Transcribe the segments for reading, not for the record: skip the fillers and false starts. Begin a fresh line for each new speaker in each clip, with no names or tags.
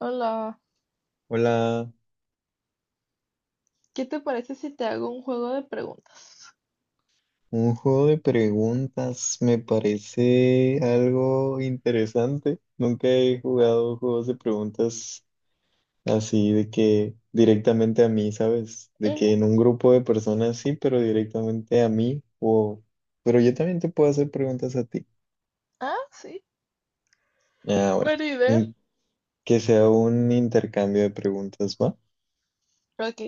Hola,
Hola,
¿qué te parece si te hago un juego de preguntas?
un juego de preguntas me parece algo interesante. Nunca he jugado juegos de preguntas así de que directamente a mí, ¿sabes? De que
Ujú.
en un grupo de personas sí, pero directamente a mí o... Pero yo también te puedo hacer preguntas a ti.
Ah, sí,
Ah, bueno.
buena idea.
Mm, Que sea un intercambio de preguntas, ¿va?
Ok,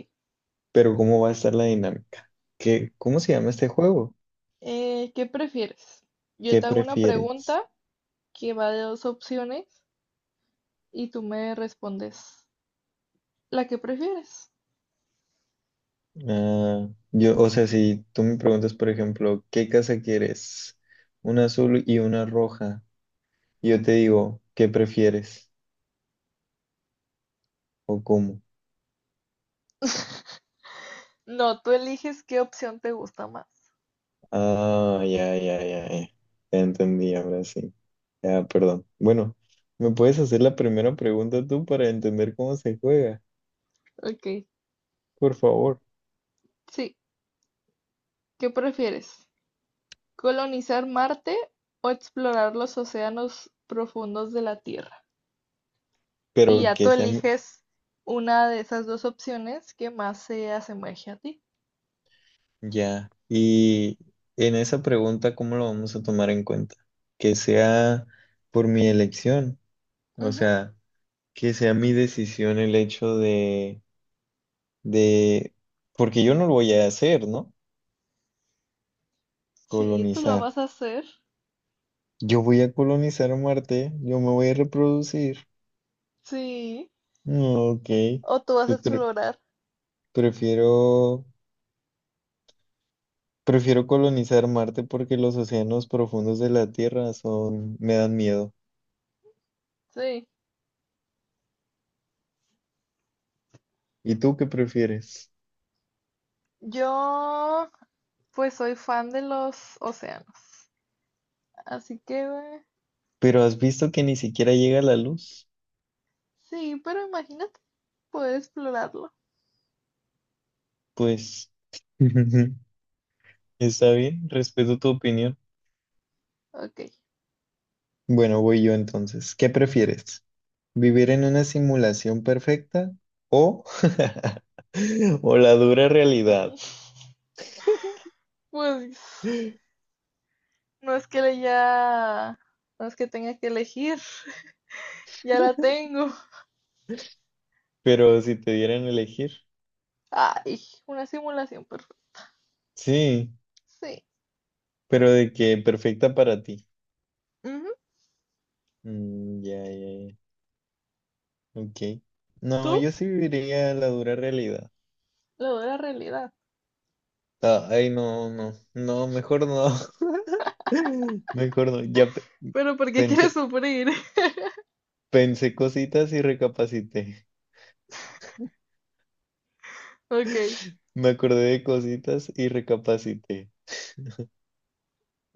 Pero ¿cómo va a estar la dinámica? ¿Qué, cómo se llama este juego?
¿qué prefieres? Yo
¿Qué
te hago una
prefieres?
pregunta que va de dos opciones y tú me respondes la que prefieres.
Ah, yo, o sea, si tú me preguntas, por ejemplo, ¿qué casa quieres? Una azul y una roja. Y yo te digo, ¿qué prefieres? ¿O cómo?
No, tú eliges qué opción te gusta más.
Ah, ya, ya, ya, ya. Ya entendí, ahora sí. Ya, perdón. Bueno, ¿me puedes hacer la primera pregunta tú para entender cómo se juega?
Ok,
Por favor.
sí, ¿qué prefieres? ¿Colonizar Marte o explorar los océanos profundos de la Tierra? Y
Pero
ya tú
que sea...
eliges una de esas dos opciones que más se asemeje a ti.
Ya. Y en esa pregunta, ¿cómo lo vamos a tomar en cuenta? Que sea por mi elección. O
Ujú.
sea... que sea mi decisión el hecho de, porque yo no lo voy a hacer, ¿no?
Sí, tú lo
Colonizar.
vas a hacer.
Yo voy a colonizar Marte, yo me voy a reproducir.
Sí.
Mm, Ok,
O tú vas a
pues pre-
explorar.
prefiero, prefiero colonizar Marte porque los océanos profundos de la Tierra son, me dan miedo.
Sí.
¿Y tú qué prefieres?
Yo, pues soy fan de los océanos. Así que,
Pero has visto que ni siquiera llega la luz,
sí, pero imagínate poder explorarlo.
pues está bien, respeto tu opinión.
Ok.
Bueno, voy yo entonces. ¿Qué prefieres? ¿Vivir en una simulación perfecta o, o la dura realidad?
Mm, pues no es que le ya, no es que tenga que elegir. Ya la tengo.
Pero si te dieran a elegir,
Ay, una simulación perfecta.
sí,
Sí.
pero de que perfecta para ti.
Ujú.
Ya, ya, ya, ok. No,
¿Tú?
yo sí viviría la dura realidad.
Lo de la realidad.
Ah, ay, no, no, no, mejor no, mejor no.
Pero ¿por qué quieres
Pensé,
sufrir?
pensé cositas y recapacité.
Ok,
Me acordé de cositas y recapacité.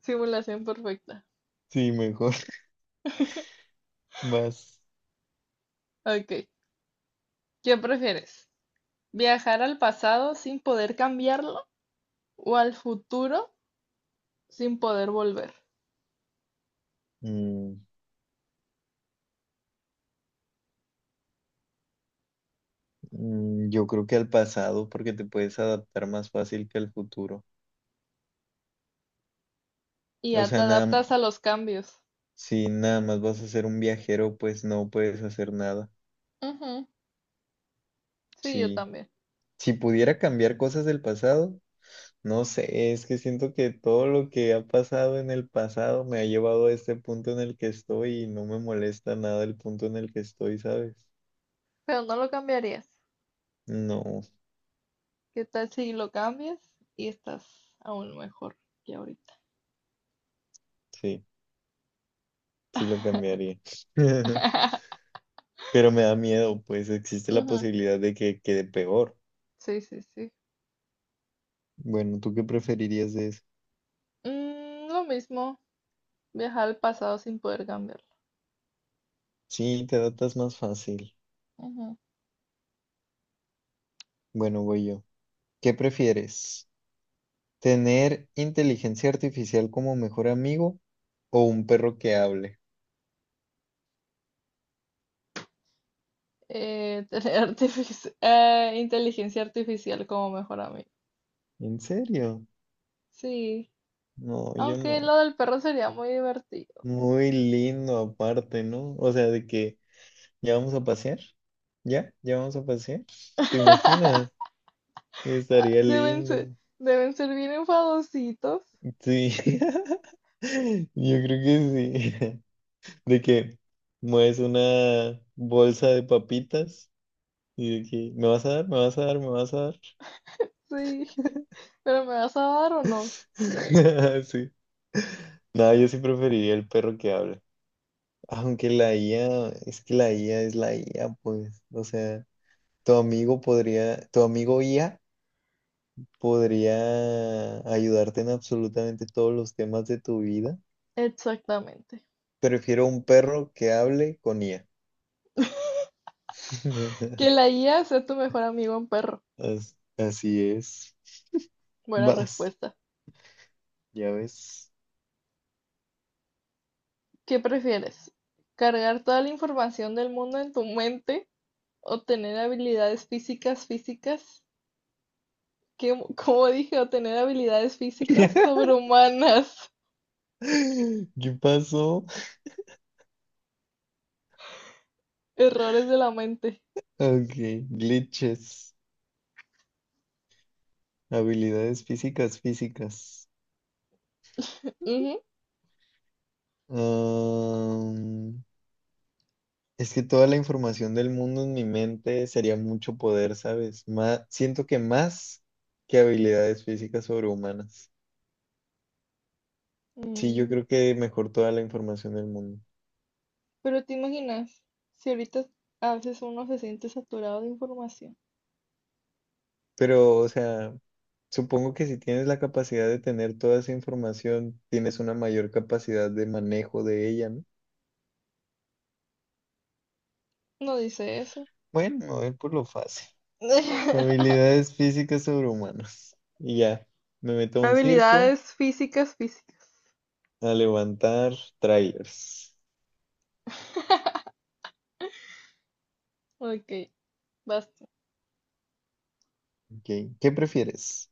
simulación perfecta.
Sí, mejor, más.
Ok, ¿qué prefieres? ¿Viajar al pasado sin poder cambiarlo o al futuro sin poder volver?
Mm, Yo creo que al pasado, porque te puedes adaptar más fácil que al futuro.
Y
O
ya te
sea, nada,
adaptas a los cambios.
si nada más vas a ser un viajero, pues no puedes hacer nada.
Ujú. Sí, yo
Si,
también.
si pudiera cambiar cosas del pasado, no sé, es que siento que todo lo que ha pasado en el pasado me ha llevado a este punto en el que estoy y no me molesta nada el punto en el que estoy, ¿sabes?
Pero no lo cambiarías.
No,
¿Qué tal si lo cambias y estás aún mejor que ahorita?
sí, sí lo cambiaría. Pero me da miedo, pues existe la
Ujú.
posibilidad de que quede peor.
Sí, sí, sí.
Bueno, ¿tú qué preferirías de eso?
Mm, lo mismo, viajar al pasado sin poder cambiarlo.
Sí, te adaptas más fácil.
Ujú.
Bueno, voy yo. ¿Qué prefieres? ¿Tener inteligencia artificial como mejor amigo o un perro que hable?
Inteligencia artificial como mejor amigo.
¿En serio?
Sí,
No, yo
aunque
no.
lo del perro sería muy divertido.
Muy lindo aparte, ¿no? O sea, de que ya vamos a pasear. ¿Ya? ¿Ya vamos a pasear? ¿Te imaginas? Estaría
Deben ser,
lindo.
deben ser bien enfadositos.
Sí, yo creo que sí. De que mueves una bolsa de papitas. Y de que, ¿me vas a dar? ¿Me vas a dar? ¿Me vas a dar?
Sí, pero ¿me vas a dar o no?
Sí. No, yo sí preferiría el perro que habla. Aunque la IA, es que la IA es la IA, pues. O sea, tu amigo IA podría ayudarte en absolutamente todos los temas de tu vida.
Exactamente.
Prefiero un perro que hable con IA.
Que la IA sea tu mejor amigo en perro.
Así es.
Buena
Vas,
respuesta.
ya ves.
¿Qué prefieres? ¿Cargar toda la información del mundo en tu mente o tener habilidades físicas físicas que, como dije, o tener habilidades físicas sobrehumanas,
¿Qué pasó?
errores de la mente?
Ok, glitches. Habilidades físicas, físicas.
Ujú.
Am, es que toda la información del mundo en mi mente sería mucho poder, ¿sabes? Siento que más que habilidades físicas sobrehumanas. Sí, yo
Mm.
creo que mejor toda la información del mundo.
Pero te imaginas, si ahorita a veces uno se siente saturado de información.
Pero, o sea, supongo que si tienes la capacidad de tener toda esa información, tienes una mayor capacidad de manejo de ella, ¿no?
No dice eso.
Bueno, me voy por lo fácil. Habilidades físicas sobrehumanas. Y ya, me meto a un circo.
Habilidades físicas, físicas.
A levantar trailers.
Ok, basta.
Ok, ¿qué prefieres?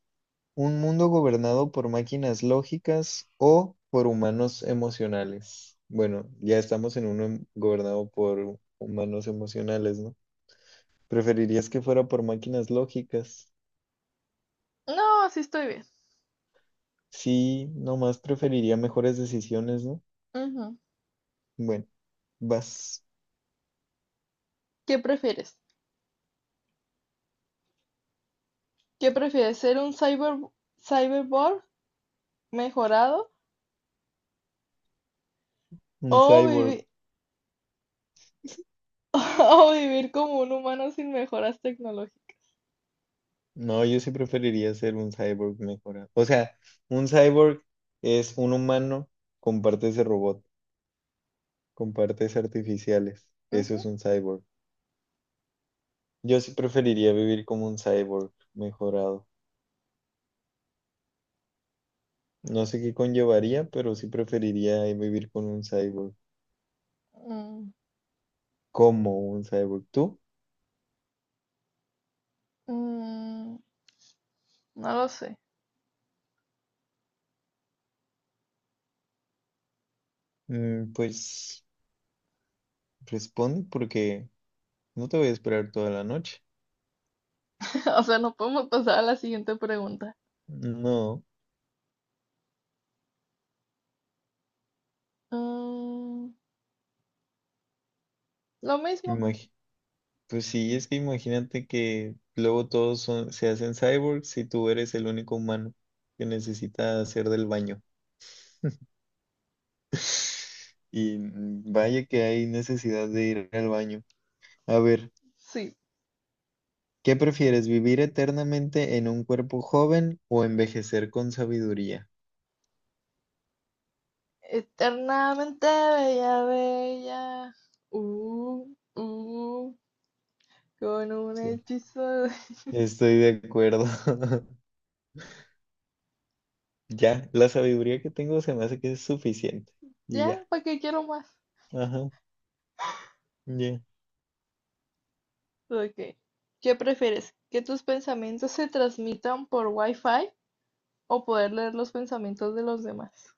¿Un mundo gobernado por máquinas lógicas o por humanos emocionales? Bueno, ya estamos en uno gobernado por humanos emocionales, ¿no? ¿Preferirías que fuera por máquinas lógicas?
No, sí estoy bien.
Sí, nomás preferiría mejores decisiones, ¿no?
Ujú.
Bueno, vas.
¿Qué prefieres? ¿Qué prefieres? ¿Ser un cyberborg mejorado
Un
o,
cyborg.
o vivir como un humano sin mejoras tecnológicas?
No, yo sí preferiría ser un cyborg mejorado. O sea, un cyborg es un humano con partes de robot. Con partes artificiales. Eso
Ujú.
es un cyborg. Yo sí preferiría vivir como un cyborg mejorado. No sé qué conllevaría, pero sí preferiría vivir con un cyborg.
Mm.
Como un cyborg. ¿Tú?
Mm, no lo sé.
Mm, pues responde porque no te voy a esperar toda la noche.
O sea, no podemos pasar a la siguiente pregunta.
No,
Mm, lo mismo.
imagi- pues sí, es que imagínate que luego todos se hacen cyborgs y tú eres el único humano que necesita hacer del baño. Y vaya que hay necesidad de ir al baño. A ver,
Sí.
¿qué prefieres, vivir eternamente en un cuerpo joven o envejecer con sabiduría?
Eternamente bella, bella. Uh, uh, con un
Sí,
hechizo. De-
estoy de acuerdo. Ya, la sabiduría que tengo se me hace que es suficiente. Y
Ya,
ya,
¿para qué quiero más?
ajá, ya.
Ok. ¿Qué prefieres? ¿Que tus pensamientos se transmitan por Wi-Fi o poder leer los pensamientos de los demás?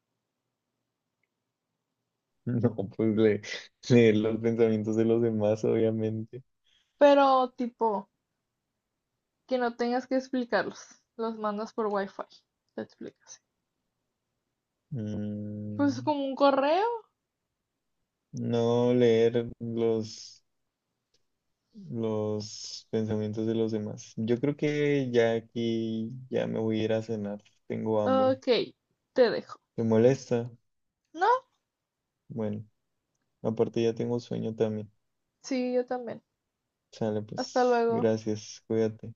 No, pues leer los pensamientos de los demás, obviamente.
Pero tipo, que no tengas que explicarlos. Los mandas por Wi-Fi. Te explicas. Pues
Mm,
como un correo.
no leer los pensamientos de los demás. Yo creo que ya aquí ya me voy a ir a cenar. Tengo hambre.
Ok, te dejo.
¿Te molesta?
No,
Bueno, aparte ya tengo sueño también.
sí, yo también.
Sale,
Hasta
pues,
luego.
gracias, cuídate.